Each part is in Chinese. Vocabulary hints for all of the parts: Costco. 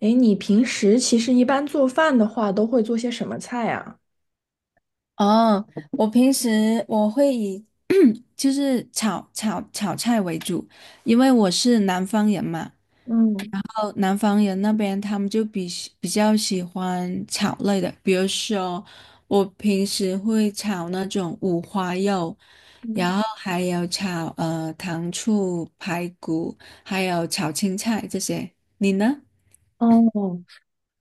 诶，你平时其实一般做饭的话，都会做些什么菜啊？哦，我平时会以就是炒菜为主，因为我是南方人嘛。嗯哦，南方人那边他们就比较喜欢炒类的，比如说我平时会炒那种五花肉，然嗯后还有炒糖醋排骨，还有炒青菜这些。你呢？哦，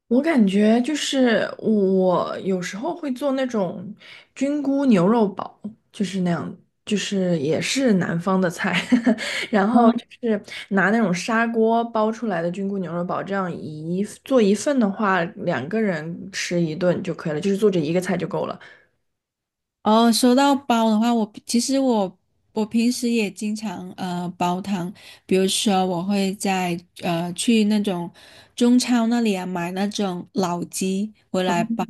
我感觉就是我有时候会做那种菌菇牛肉煲，就是那样，就是也是南方的菜，然后就是拿那种砂锅煲出来的菌菇牛肉煲，这样一做一份的话，两个人吃一顿就可以了，就是做这一个菜就够了。哦，说到煲的话，我其实我平时也经常煲汤，比如说我会去那种中超那里啊买那种老鸡回来煲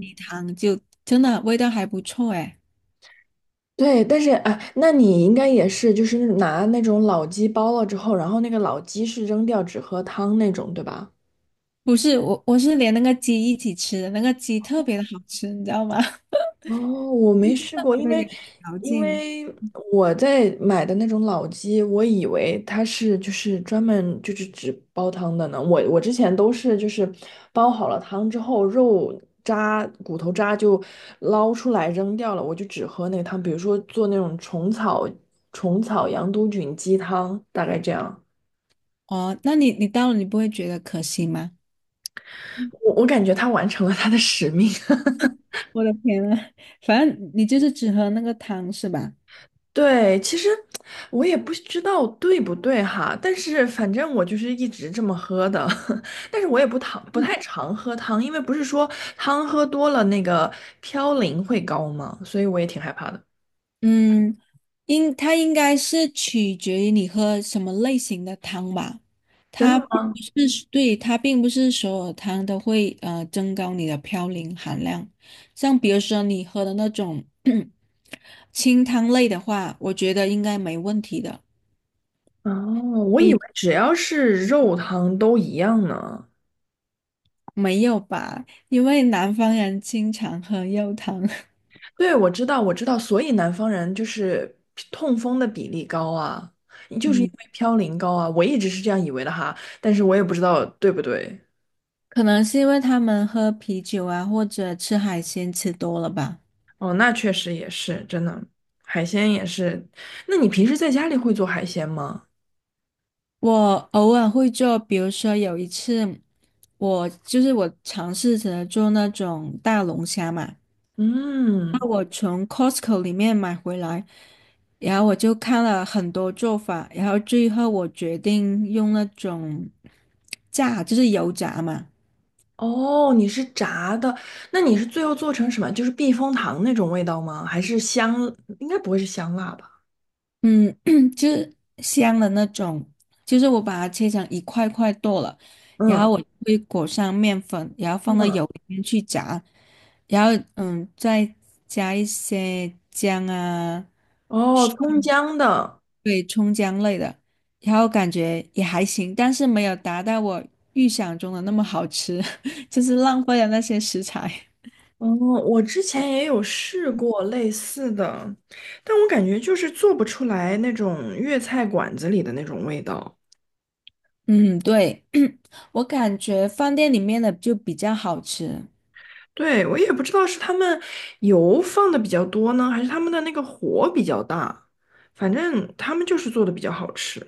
鸡汤，就真的味道还不错诶。对，但是哎，那你应该也是，就是拿那种老鸡煲了之后，然后那个老鸡是扔掉，只喝汤那种，对吧？不是我是连那个鸡一起吃的，那个鸡特别的好吃，你知道吗？哦，我没试过，那因个为有嚼因劲。为我在买的那种老鸡，我以为它是就是专门就是只煲汤的呢。我之前都是就是煲好了汤之后，肉渣骨头渣就捞出来扔掉了，我就只喝那个汤。比如说做那种虫草羊肚菌鸡汤，大概这样。哦，那你你到了你不会觉得可惜吗？我感觉他完成了他的使命。我的天呐，反正你就是只喝那个汤是吧？对，其实我也不知道对不对哈，但是反正我就是一直这么喝的，但是我也不太常喝汤，因为不是说汤喝多了那个嘌呤会高吗？所以我也挺害怕的。嗯。它应该是取决于你喝什么类型的汤吧，真它的并吗？不是，对，它并不是所有汤都会增高你的嘌呤含量。像比如说你喝的那种 清汤类的话，我觉得应该没问题的。哦，我以比为只要是肉汤都一样呢。没有吧，因为南方人经常喝肉汤。对，我知道，我知道，所以南方人就是痛风的比例高啊，就是因嗯，为嘌呤高啊，我一直是这样以为的哈，但是我也不知道对不对。可能是因为他们喝啤酒啊或者吃海鲜吃多了吧。哦，那确实也是，真的，海鲜也是。那你平时在家里会做海鲜吗？我偶尔会做，比如说有一次，我就是我尝试着做那种大龙虾嘛，嗯，那我从 Costco 里面买回来，然后我就看了很多做法，然后最后我决定用那种炸，就是油炸嘛。哦，你是炸的，那你是最后做成什么？就是避风塘那种味道吗？还是香？应该不会是香辣吧？嗯，就是香的那种，就是我把它切成一块块剁了，然嗯后我会裹上面粉，然后放到嗯，油里面去炸，然后嗯，再加一些姜啊。哦，葱姜的。对，葱姜类的，然后感觉也还行，但是没有达到我预想中的那么好吃，就是浪费了那些食材。哦，我之前也有试过类似的，但我感觉就是做不出来那种粤菜馆子里的那种味道。嗯，对，我感觉饭店里面的就比较好吃。对，我也不知道是他们油放的比较多呢，还是他们的那个火比较大，反正他们就是做的比较好吃。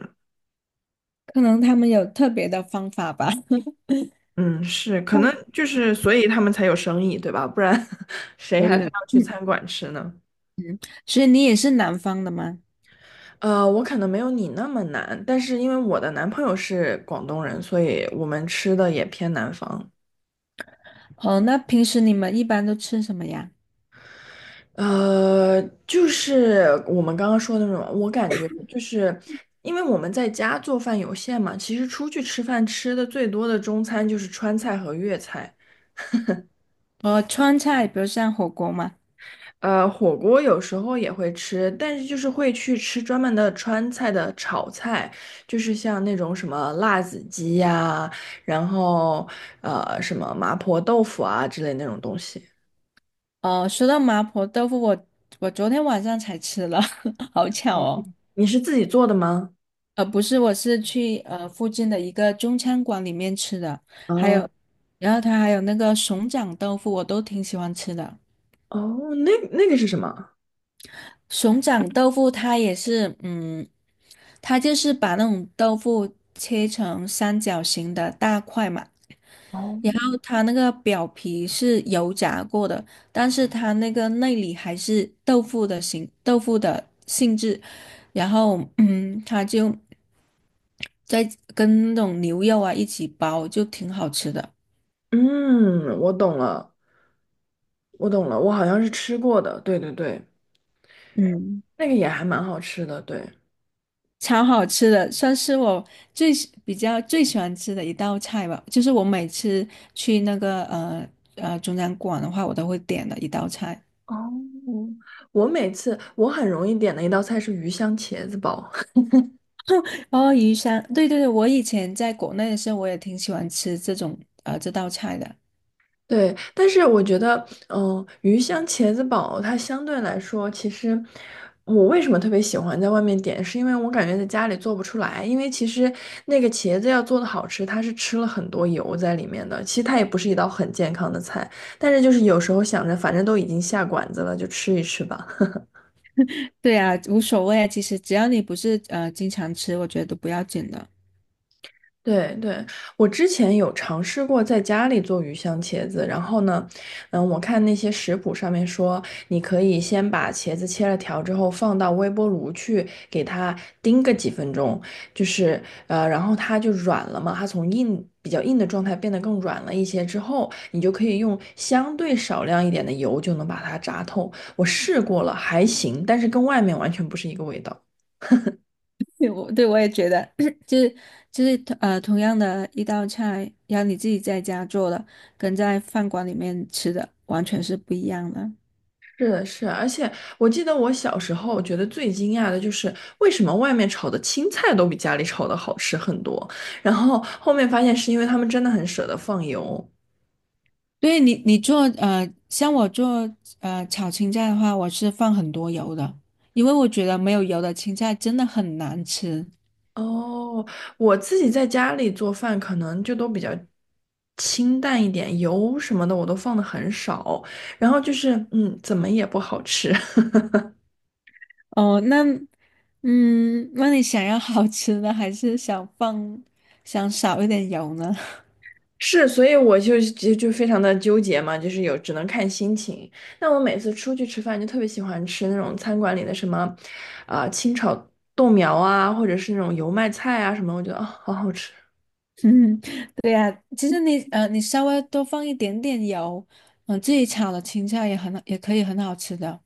可能他们有特别的方法吧。嗯，是，可能就是所以他们才有生意，对吧？不然 谁对还对非对，要去嗯，餐馆吃呢？所以你也是南方的吗？我可能没有你那么难，但是因为我的男朋友是广东人，所以我们吃的也偏南方。哦，那平时你们一般都吃什么呀？呃，就是我们刚刚说的那种，我感觉就是因为我们在家做饭有限嘛，其实出去吃饭吃的最多的中餐就是川菜和粤菜，呃，川菜，比如像火锅嘛。火锅有时候也会吃，但是就是会去吃专门的川菜的炒菜，就是像那种什么辣子鸡呀，然后什么麻婆豆腐啊之类那种东西。哦，说到麻婆豆腐，我我昨天晚上才吃了，好巧哦，哦。你是自己做的吗？呃，不是，我是去附近的一个中餐馆里面吃的，还哦，有，然后它还有那个熊掌豆腐，我都挺喜欢吃的。哦，那那个是什么？熊掌豆腐它也是，嗯，它就是把那种豆腐切成三角形的大块嘛，然后它那个表皮是油炸过的，但是它那个内里还是豆腐的形，豆腐的性质，然后嗯，它就在跟那种牛肉啊一起包，就挺好吃的。嗯，我懂了，我懂了，我好像是吃过的，对对对，嗯。那个也还蛮好吃的，对。超好吃的，算是我比较最喜欢吃的一道菜吧。就是我每次去那个中餐馆的话，我都会点的一道菜。哦，我每次我很容易点的一道菜是鱼香茄子煲，哦，鱼香，对对对，我以前在国内的时候，我也挺喜欢吃这种这道菜的。对，但是我觉得，嗯、鱼香茄子煲它相对来说，其实我为什么特别喜欢在外面点，是因为我感觉在家里做不出来，因为其实那个茄子要做的好吃，它是吃了很多油在里面的，其实它也不是一道很健康的菜，但是就是有时候想着，反正都已经下馆子了，就吃一吃吧。对啊，无所谓啊，其实只要你不是经常吃，我觉得都不要紧的。对对，我之前有尝试过在家里做鱼香茄子，然后呢，嗯，我看那些食谱上面说，你可以先把茄子切了条之后放到微波炉去给它叮个几分钟，就是然后它就软了嘛，它从比较硬的状态变得更软了一些之后，你就可以用相对少量一点的油就能把它炸透。我试过了，还行，但是跟外面完全不是一个味道。对，我也觉得，就是就是同样的一道菜，要你自己在家做的，跟在饭馆里面吃的完全是不一样的。是的，是的而且我记得我小时候觉得最惊讶的就是为什么外面炒的青菜都比家里炒的好吃很多，然后后面发现是因为他们真的很舍得放油。你做，像我做炒青菜的话，我是放很多油的，因为我觉得没有油的青菜真的很难吃。哦，我自己在家里做饭可能就都比较清淡一点，油什么的我都放的很少，然后就是嗯，怎么也不好吃。哦，那嗯，那你想要好吃的，还是想少一点油呢？是，所以我就非常的纠结嘛，就是只能看心情。那我每次出去吃饭，就特别喜欢吃那种餐馆里的什么，啊、清炒豆苗啊，或者是那种油麦菜啊什么，我觉得啊、好好吃。嗯，对呀，其实你，你稍微多放一点点油，嗯、自己炒的青菜也可以很好吃的。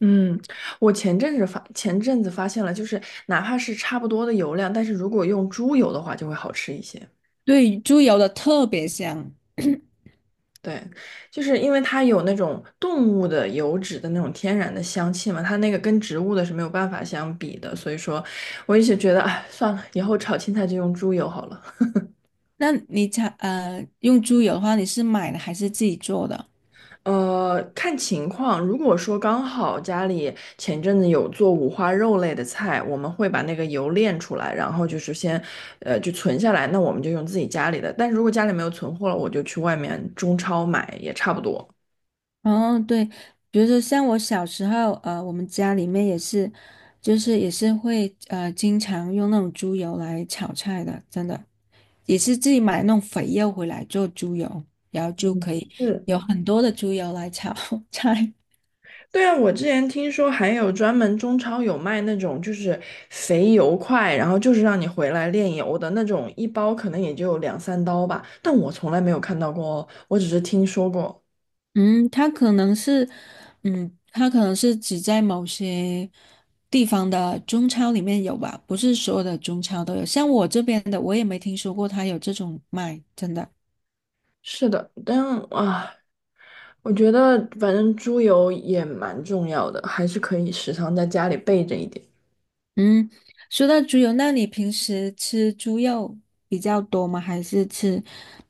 嗯，我前阵子发现了，就是哪怕是差不多的油量，但是如果用猪油的话，就会好吃一些。对，猪油的特别香。对，就是因为它有那种动物的油脂的那种天然的香气嘛，它那个跟植物的是没有办法相比的，所以说我一直觉得，哎，算了，以后炒青菜就用猪油好了。那你炒用猪油的话，你是买的还是自己做的？看情况，如果说刚好家里前阵子有做五花肉类的菜，我们会把那个油炼出来，然后就是先，就存下来，那我们就用自己家里的。但是如果家里没有存货了，我就去外面中超买，也差不多。哦，对，比如说像我小时候，呃，我们家里面也是，就是也是会，经常用那种猪油来炒菜的，真的，也是自己买那种肥肉回来做猪油，然后就嗯，可以是，有很多的猪油来炒 菜。对啊，我之前听说还有专门中超有卖那种就是肥油块，然后就是让你回来炼油的那种，一包可能也就两三刀吧，但我从来没有看到过哦，我只是听说过。嗯，它可能是，嗯，它可能是只在某些地方的中超里面有吧，不是所有的中超都有。像我这边的，我也没听说过它有这种卖，真的。是的，但啊，我觉得反正猪油也蛮重要的，还是可以时常在家里备着一点。嗯，说到猪油，那你平时吃猪肉比较多吗？还是吃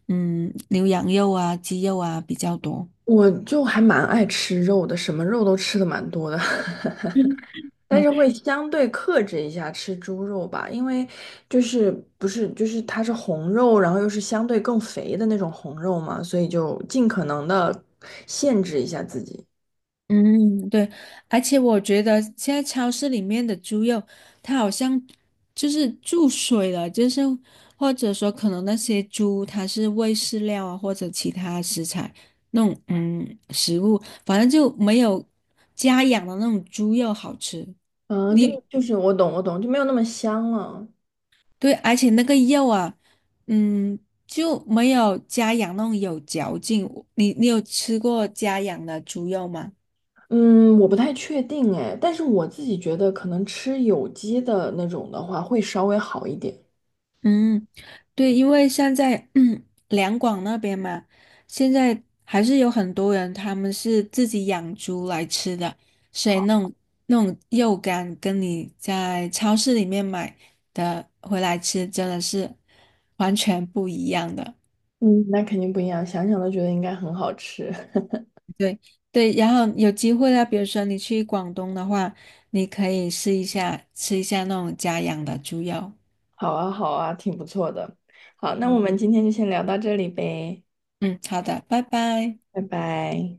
嗯牛羊肉啊、鸡肉啊比较多？我就还蛮爱吃肉的，什么肉都吃的蛮多的。但嗯是会相对克制一下吃猪肉吧，因为就是不是就是它是红肉，然后又是相对更肥的那种红肉嘛，所以就尽可能的限制一下自己。嗯，对，而且我觉得现在超市里面的猪肉，它好像就是注水了，就是或者说可能那些猪它是喂饲料啊，或者其他食材那种嗯食物，反正就没有家养的那种猪肉好吃。嗯，就你我懂我懂，就没有那么香了。对，而且那个肉啊，嗯，就没有家养那种有嚼劲。你你有吃过家养的猪肉吗？嗯，我不太确定哎，但是我自己觉得可能吃有机的那种的话会稍微好一点。嗯，对，因为现在 嗯两广那边嘛，现在还是有很多人他们是自己养猪来吃的，所以那种肉干跟你在超市里面买的回来吃真的是完全不一样的。嗯，那肯定不一样，想想都觉得应该很好吃。对对，然后有机会啊，比如说你去广东的话，你可以试一下吃一下那种家养的猪肉。好啊好啊，挺不错的。好，那我嗯们今天就先聊到这里呗，嗯，好的，拜拜。拜拜。